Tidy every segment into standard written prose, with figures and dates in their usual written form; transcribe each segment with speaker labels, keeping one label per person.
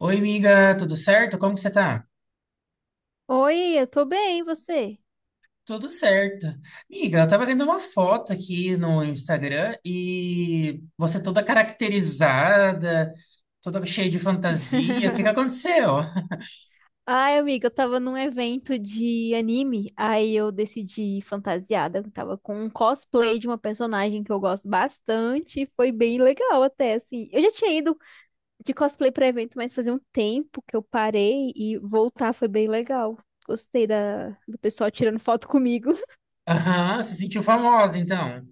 Speaker 1: Oi, amiga, tudo certo? Como que você tá?
Speaker 2: Oi, eu tô bem, e você?
Speaker 1: Tudo certo. Amiga, eu tava vendo uma foto aqui no Instagram e você toda caracterizada, toda cheia de fantasia. O que que aconteceu?
Speaker 2: Ai, amiga, eu tava num evento de anime, aí eu decidi ir fantasiada, eu tava com um cosplay de uma personagem que eu gosto bastante, e foi bem legal até, assim. Eu já tinha ido de cosplay pra evento, mas fazia um tempo que eu parei e voltar foi bem legal. Gostei do pessoal tirando foto comigo.
Speaker 1: Aham, se sentiu famosa, então.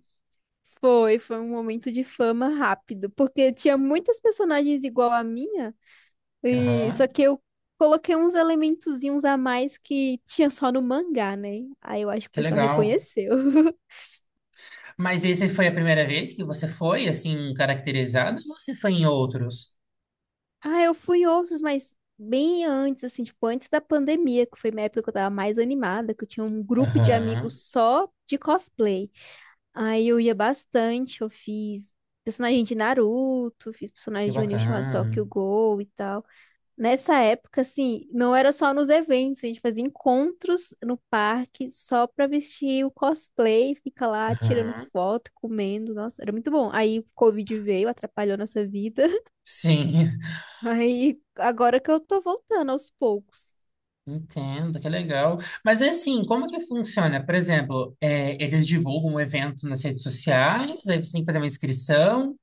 Speaker 2: Foi um momento de fama rápido, porque tinha muitas personagens igual a minha. E, só
Speaker 1: Aham,
Speaker 2: que eu coloquei uns elementozinhos a mais que tinha só no mangá, né? Aí eu acho que o
Speaker 1: que
Speaker 2: pessoal
Speaker 1: legal.
Speaker 2: reconheceu.
Speaker 1: Mas esse foi a primeira vez que você foi, assim, caracterizada ou você foi em outros?
Speaker 2: Ah, eu fui em outros, mas bem antes, assim, tipo, antes da pandemia, que foi minha época que eu tava mais animada, que eu tinha um grupo de amigos
Speaker 1: Aham,
Speaker 2: só de cosplay. Aí eu ia bastante, eu fiz personagem de Naruto, fiz personagem
Speaker 1: que
Speaker 2: de um anime chamado
Speaker 1: bacana.
Speaker 2: Tokyo Ghoul e tal. Nessa época, assim, não era só nos eventos, a gente fazia encontros no parque só pra vestir o cosplay, fica lá tirando
Speaker 1: Aham,
Speaker 2: foto, comendo, nossa, era muito bom. Aí o Covid veio, atrapalhou nossa vida.
Speaker 1: sim.
Speaker 2: Aí agora que eu tô voltando aos poucos.
Speaker 1: Entendo, que legal. Mas é assim, como que funciona? Por exemplo, é, eles divulgam o evento nas redes sociais, aí você tem que fazer uma inscrição.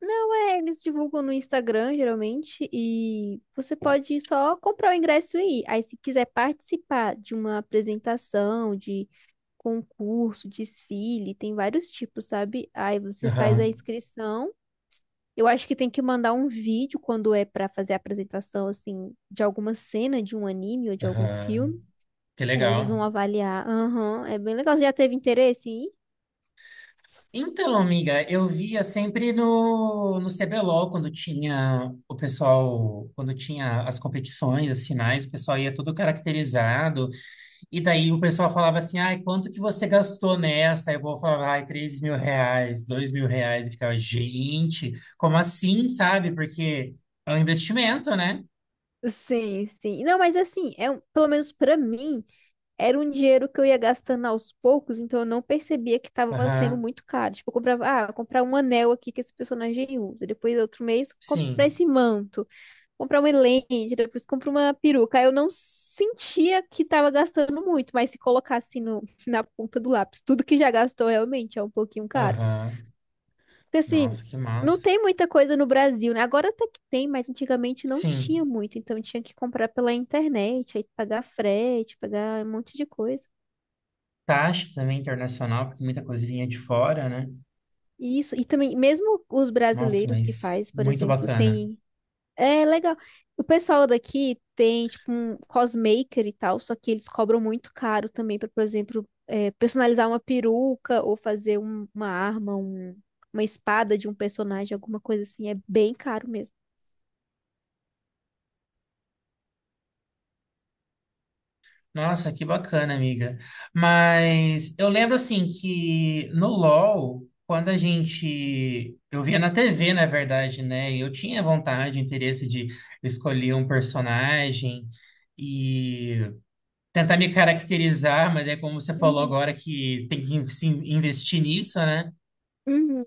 Speaker 2: Não é, eles divulgam no Instagram, geralmente, e você pode só comprar o ingresso e ir. Aí, se quiser participar de uma apresentação, de concurso, desfile, tem vários tipos, sabe? Aí você faz a
Speaker 1: Aham,
Speaker 2: inscrição. Eu acho que tem que mandar um vídeo quando é pra fazer a apresentação, assim, de alguma cena de um anime ou de algum
Speaker 1: aham.
Speaker 2: filme.
Speaker 1: Que
Speaker 2: Aí eles
Speaker 1: legal.
Speaker 2: vão avaliar. Aham, é bem legal. Você já teve interesse em ir?
Speaker 1: Então, amiga, eu via sempre no CBLOL, quando tinha o pessoal, quando tinha as competições, as finais, o pessoal ia todo caracterizado. E daí o pessoal falava assim, ai, quanto que você gastou nessa? Aí o povo falava, ai, R$ 3.000, R$ 2.000. E ficava, gente, como assim, sabe? Porque é um investimento, né?
Speaker 2: Sim, sim. Não, mas assim, pelo menos pra mim. Era um dinheiro que eu ia gastando aos poucos, então eu não percebia que estava sendo
Speaker 1: Aham,
Speaker 2: muito caro. Tipo, eu comprava, ah, vou comprar um anel aqui que esse personagem usa. Depois, outro mês, comprar
Speaker 1: sim.
Speaker 2: esse manto, comprar uma lente, depois comprar uma peruca. Aí eu não sentia que estava gastando muito, mas se colocasse no, na ponta do lápis, tudo que já gastou realmente é um pouquinho caro.
Speaker 1: Aham.
Speaker 2: Porque assim,
Speaker 1: Nossa, que
Speaker 2: não
Speaker 1: massa.
Speaker 2: tem muita coisa no Brasil, né? Agora até que tem, mas antigamente não tinha
Speaker 1: Sim.
Speaker 2: muito, então tinha que comprar pela internet, aí pagar frete, pagar um monte de coisa.
Speaker 1: Taxa também internacional, porque muita coisa vinha de fora, né?
Speaker 2: Isso, e também, mesmo os
Speaker 1: Nossa,
Speaker 2: brasileiros que
Speaker 1: mas
Speaker 2: faz, por
Speaker 1: muito
Speaker 2: exemplo,
Speaker 1: bacana.
Speaker 2: tem. É legal. O pessoal daqui tem, tipo, um cosmaker e tal, só que eles cobram muito caro também para, por exemplo, personalizar uma peruca ou fazer uma arma, uma espada de um personagem, alguma coisa assim. É bem caro mesmo.
Speaker 1: Nossa, que bacana, amiga. Mas eu lembro assim que no LoL, quando a gente. Eu via na TV, na verdade, né? E eu tinha vontade, interesse de escolher um personagem e tentar me caracterizar, mas é como você falou
Speaker 2: Uhum,
Speaker 1: agora que tem que se investir nisso, né?
Speaker 2: uhum.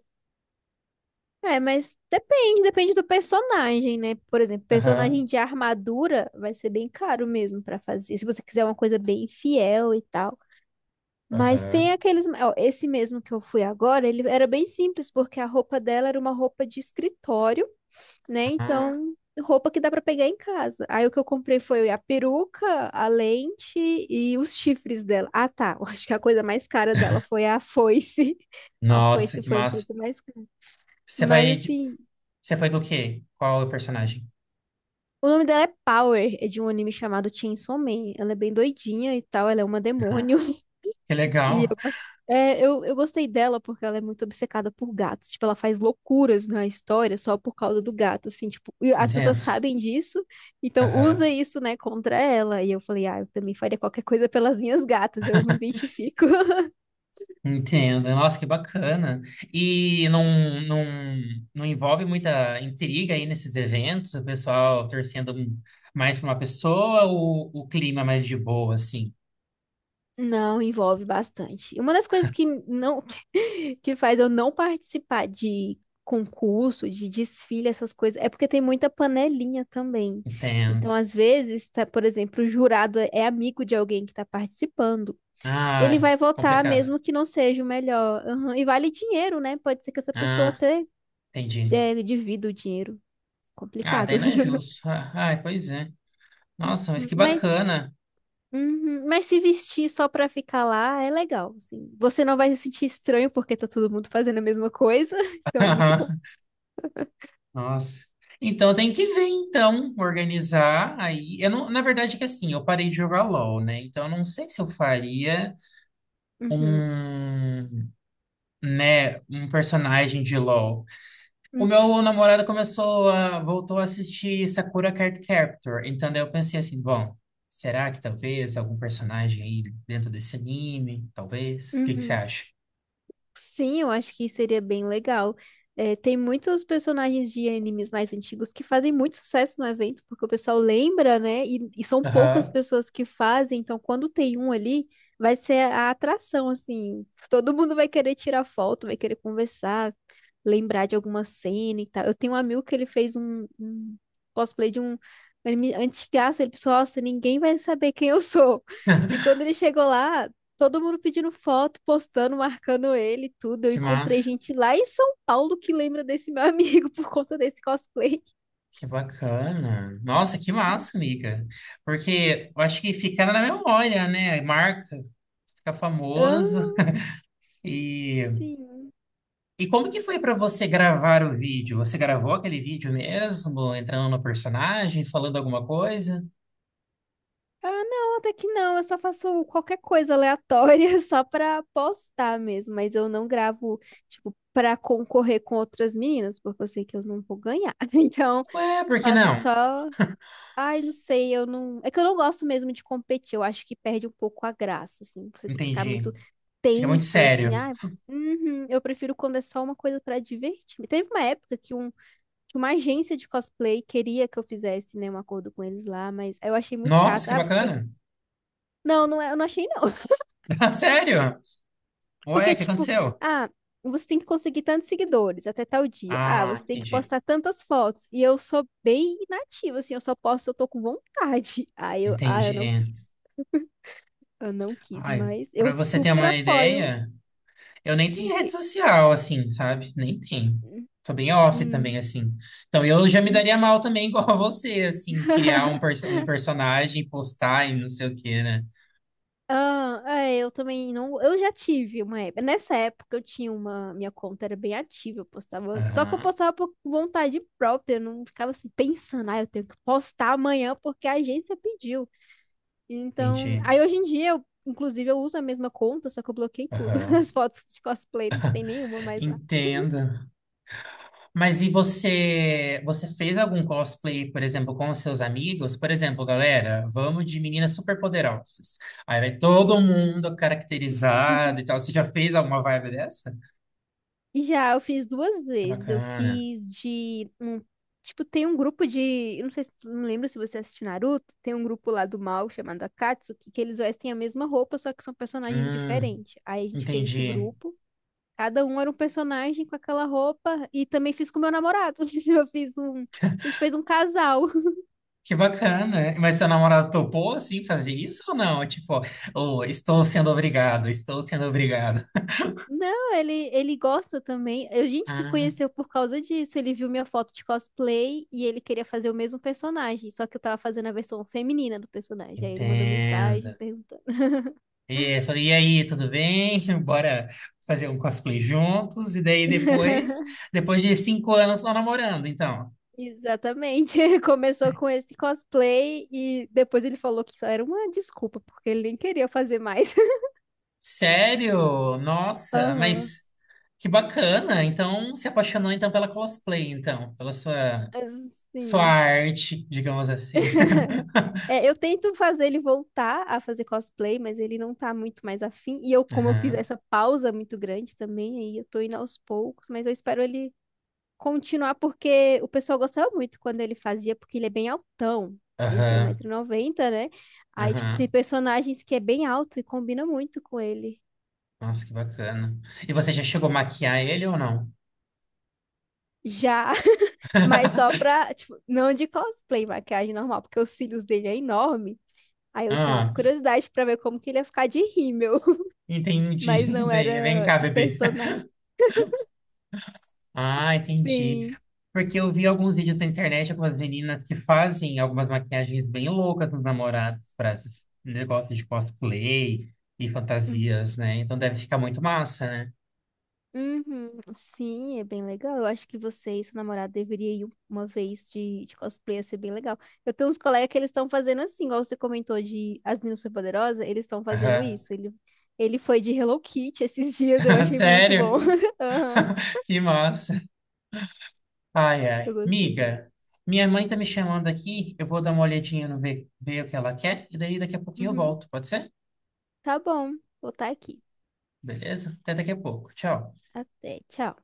Speaker 2: É, mas depende, depende do personagem, né? Por exemplo, personagem
Speaker 1: Aham,
Speaker 2: de armadura vai ser bem caro mesmo para fazer. Se você quiser uma coisa bem fiel e tal. Mas tem
Speaker 1: aham.
Speaker 2: aqueles, ó, esse mesmo que eu fui agora, ele era bem simples, porque a roupa dela era uma roupa de escritório, né?
Speaker 1: Ah,
Speaker 2: Então, roupa que dá pra pegar em casa. Aí o que eu comprei foi a peruca, a lente e os chifres dela. Ah, tá. Eu acho que a coisa mais cara dela foi a foice. A
Speaker 1: nossa,
Speaker 2: foice
Speaker 1: que
Speaker 2: foi um
Speaker 1: massa.
Speaker 2: pouco mais cara.
Speaker 1: Você
Speaker 2: Mas
Speaker 1: vai.
Speaker 2: assim.
Speaker 1: Você foi do quê? Qual é o personagem?
Speaker 2: O nome dela é Power, é de um anime chamado Chainsaw Man. Ela é bem doidinha e tal, ela é uma
Speaker 1: Aham.
Speaker 2: demônio.
Speaker 1: Que
Speaker 2: E
Speaker 1: legal.
Speaker 2: eu, eu gostei dela porque ela é muito obcecada por gatos. Tipo, ela faz loucuras na história só por causa do gato, assim, tipo, e as pessoas
Speaker 1: Entendo.
Speaker 2: sabem disso, então
Speaker 1: Aham.
Speaker 2: usa isso, né, contra ela. E eu falei, ah, eu também faria qualquer coisa pelas minhas gatas, eu me identifico.
Speaker 1: Entendo. Nossa, que bacana. E não envolve muita intriga aí nesses eventos, o pessoal torcendo mais para uma pessoa ou o clima é mais de boa, assim?
Speaker 2: Não, envolve bastante. E uma das coisas que não que faz eu não participar de concurso, de desfile, essas coisas, é porque tem muita panelinha também.
Speaker 1: Entendo.
Speaker 2: Então, às vezes, tá, por exemplo, o jurado é amigo de alguém que está participando. Ele
Speaker 1: Ai,
Speaker 2: vai votar
Speaker 1: complicado.
Speaker 2: mesmo que não seja o melhor. Aham, e vale dinheiro, né? Pode ser que essa pessoa
Speaker 1: Ah,
Speaker 2: até
Speaker 1: entendi.
Speaker 2: divida o dinheiro.
Speaker 1: Ah,
Speaker 2: Complicado.
Speaker 1: daí não é justo. Ah, ai, pois é. Nossa, mas que
Speaker 2: Mas
Speaker 1: bacana.
Speaker 2: Uhum. Mas se vestir só pra ficar lá é legal, assim. Você não vai se sentir estranho porque tá todo mundo fazendo a mesma coisa, então é muito bom.
Speaker 1: Nossa. Então tem que ver, então, organizar aí. Eu não, na verdade é que assim, eu parei de jogar LOL, né? Então eu não sei se eu faria.
Speaker 2: Uhum,
Speaker 1: Um, né, um personagem de LoL. O
Speaker 2: uhum,
Speaker 1: meu namorado começou a, voltou a assistir Sakura Card Captor, então daí eu pensei assim, bom, será que talvez algum personagem aí dentro desse anime, talvez? O que que você
Speaker 2: uhum.
Speaker 1: acha?
Speaker 2: Sim, eu acho que seria bem legal. É, tem muitos personagens de animes mais antigos que fazem muito sucesso no evento, porque o pessoal lembra, né? E são poucas
Speaker 1: Aham.
Speaker 2: pessoas que fazem, então quando tem um ali, vai ser a atração, assim. Todo mundo vai querer tirar foto, vai querer conversar, lembrar de alguma cena e tal. Eu tenho um amigo que ele fez um cosplay de um anime antigaço, ele pensou, nossa, ninguém vai saber quem eu sou. E quando ele chegou lá, todo mundo pedindo foto, postando, marcando ele, e tudo. Eu
Speaker 1: Que
Speaker 2: encontrei
Speaker 1: massa.
Speaker 2: gente lá em São Paulo que lembra desse meu amigo por conta desse cosplay.
Speaker 1: Que bacana. Nossa, que massa, amiga. Porque eu acho que fica na memória, né? Marca, fica
Speaker 2: Ah,
Speaker 1: famoso. E
Speaker 2: sim.
Speaker 1: E como que foi para você gravar o vídeo? Você gravou aquele vídeo mesmo, entrando no personagem, falando alguma coisa?
Speaker 2: Ah, não, até que não. Eu só faço qualquer coisa aleatória só pra postar mesmo. Mas eu não gravo, tipo, pra concorrer com outras meninas, porque eu sei que eu não vou ganhar. Então,
Speaker 1: Ué, por que
Speaker 2: faço
Speaker 1: não?
Speaker 2: só. Ai, não sei, eu não. É que eu não gosto mesmo de competir, eu acho que perde um pouco a graça, assim. Você tem que ficar muito
Speaker 1: Entendi. Fica muito
Speaker 2: tensa, assim,
Speaker 1: sério.
Speaker 2: uhum. Eu prefiro quando é só uma coisa pra divertir. Teve uma época que, um, que uma agência de cosplay queria que eu fizesse, né, um acordo com eles lá, mas eu achei muito
Speaker 1: Nossa,
Speaker 2: chato.
Speaker 1: que
Speaker 2: Ah, você tem.
Speaker 1: bacana.
Speaker 2: Não, não é, eu não achei, não.
Speaker 1: Sério? Ué,
Speaker 2: Porque,
Speaker 1: o que
Speaker 2: tipo,
Speaker 1: aconteceu?
Speaker 2: ah, você tem que conseguir tantos seguidores até tal dia. Ah,
Speaker 1: Ah,
Speaker 2: você tem que
Speaker 1: entendi.
Speaker 2: postar tantas fotos. E eu sou bem inativa, assim, eu só posto se eu tô com vontade. Ah, eu, ah,
Speaker 1: Entendi.
Speaker 2: eu não quis. Eu não quis,
Speaker 1: Ai,
Speaker 2: mas eu
Speaker 1: para você ter
Speaker 2: super
Speaker 1: uma
Speaker 2: apoio
Speaker 1: ideia, eu nem
Speaker 2: de
Speaker 1: tenho rede
Speaker 2: que.
Speaker 1: social, assim, sabe? Nem tenho. Tô bem off também,
Speaker 2: Hum,
Speaker 1: assim. Então, eu já me
Speaker 2: hum.
Speaker 1: daria mal também, igual a você, assim, criar um, um personagem, postar e não sei o quê, né?
Speaker 2: Ah, é, eu também não. Eu já tive uma época. Nessa época eu tinha uma. Minha conta era bem ativa, eu postava. Só que eu
Speaker 1: Aham,
Speaker 2: postava por vontade própria, eu não ficava assim pensando, ah, eu tenho que postar amanhã porque a agência pediu. Então.
Speaker 1: entendi.
Speaker 2: Aí hoje em dia, eu, inclusive, eu uso a mesma conta, só que eu bloqueei tudo.
Speaker 1: Aham.
Speaker 2: As fotos de cosplay, não tem nenhuma mais lá.
Speaker 1: Entendo. Mas e você, você fez algum cosplay, por exemplo, com os seus amigos? Por exemplo, galera, vamos de meninas superpoderosas. Aí vai todo mundo caracterizado e tal. Você já fez alguma vibe dessa?
Speaker 2: Já, eu fiz duas
Speaker 1: Que
Speaker 2: vezes. Eu
Speaker 1: bacana.
Speaker 2: fiz de um, tipo, tem um grupo de, eu não sei se tu não lembra se você assiste Naruto, tem um grupo lá do mal chamado Akatsuki, que eles vestem a mesma roupa, só que são personagens
Speaker 1: Hum,
Speaker 2: diferentes. Aí a gente fez esse
Speaker 1: entendi.
Speaker 2: grupo. Cada um era um personagem com aquela roupa e também fiz com meu namorado. Eu fiz um, a gente fez um casal.
Speaker 1: Que bacana. Mas seu namorado topou, assim, fazer isso ou não? Tipo, oh, estou sendo obrigado, estou sendo obrigado.
Speaker 2: Não, ele gosta também. A gente se
Speaker 1: Ah,
Speaker 2: conheceu por causa disso. Ele viu minha foto de cosplay e ele queria fazer o mesmo personagem, só que eu tava fazendo a versão feminina do personagem. Aí ele mandou
Speaker 1: entendo.
Speaker 2: mensagem perguntando.
Speaker 1: E eu falei, e aí, tudo bem? Bora fazer um cosplay juntos. E daí depois, depois de 5 anos só namorando, então.
Speaker 2: Exatamente. Começou com esse cosplay e depois ele falou que só era uma desculpa, porque ele nem queria fazer mais.
Speaker 1: Sério? Nossa,
Speaker 2: Aham.
Speaker 1: mas que bacana. Então, se apaixonou então pela cosplay, então, pela sua
Speaker 2: Sim.
Speaker 1: arte, digamos assim.
Speaker 2: É, eu tento fazer ele voltar a fazer cosplay, mas ele não tá muito mais afim. E eu, como eu fiz
Speaker 1: Aham,
Speaker 2: essa pausa muito grande também, aí eu tô indo aos poucos, mas eu espero ele continuar, porque o pessoal gostava muito quando ele fazia, porque ele é bem altão. Ele tem um
Speaker 1: aham,
Speaker 2: 190 noventa, né? Aí, tipo, tem
Speaker 1: aham.
Speaker 2: personagens que é bem alto e combina muito com ele.
Speaker 1: Nossa, que bacana. E você já chegou a maquiar ele ou não?
Speaker 2: Já, mas só pra, tipo, não de cosplay, maquiagem normal, porque os cílios dele é enorme. Aí eu tinha muita
Speaker 1: Ah,
Speaker 2: curiosidade pra ver como que ele ia ficar de rímel. Mas
Speaker 1: entendi.
Speaker 2: não
Speaker 1: Daí, vem
Speaker 2: era
Speaker 1: cá,
Speaker 2: de
Speaker 1: bebê.
Speaker 2: personagem.
Speaker 1: Ah, entendi.
Speaker 2: Sim.
Speaker 1: Porque eu vi alguns vídeos na internet, algumas meninas que fazem algumas maquiagens bem loucas nos namorados para esses negócios de cosplay e
Speaker 2: Hum.
Speaker 1: fantasias, né? Então deve ficar muito massa, né?
Speaker 2: Uhum. Sim, é bem legal. Eu acho que você e seu namorado deveriam ir uma vez de cosplay, ia ser bem legal. Eu tenho uns colegas que eles estão fazendo assim, igual você comentou de As Meninas Superpoderosas, eles estão fazendo
Speaker 1: Aham.
Speaker 2: isso. Ele foi de Hello Kitty esses dias, eu achei muito bom.
Speaker 1: Sério?
Speaker 2: Aham,
Speaker 1: Que massa. Ai, ai.
Speaker 2: eu gostei.
Speaker 1: Miga, minha mãe tá me chamando aqui, eu vou dar uma olhadinha no ver o que ela quer, e daí daqui a pouquinho eu
Speaker 2: Uhum.
Speaker 1: volto, pode ser?
Speaker 2: Tá bom, vou estar aqui.
Speaker 1: Beleza? Até daqui a pouco. Tchau.
Speaker 2: Até, tchau.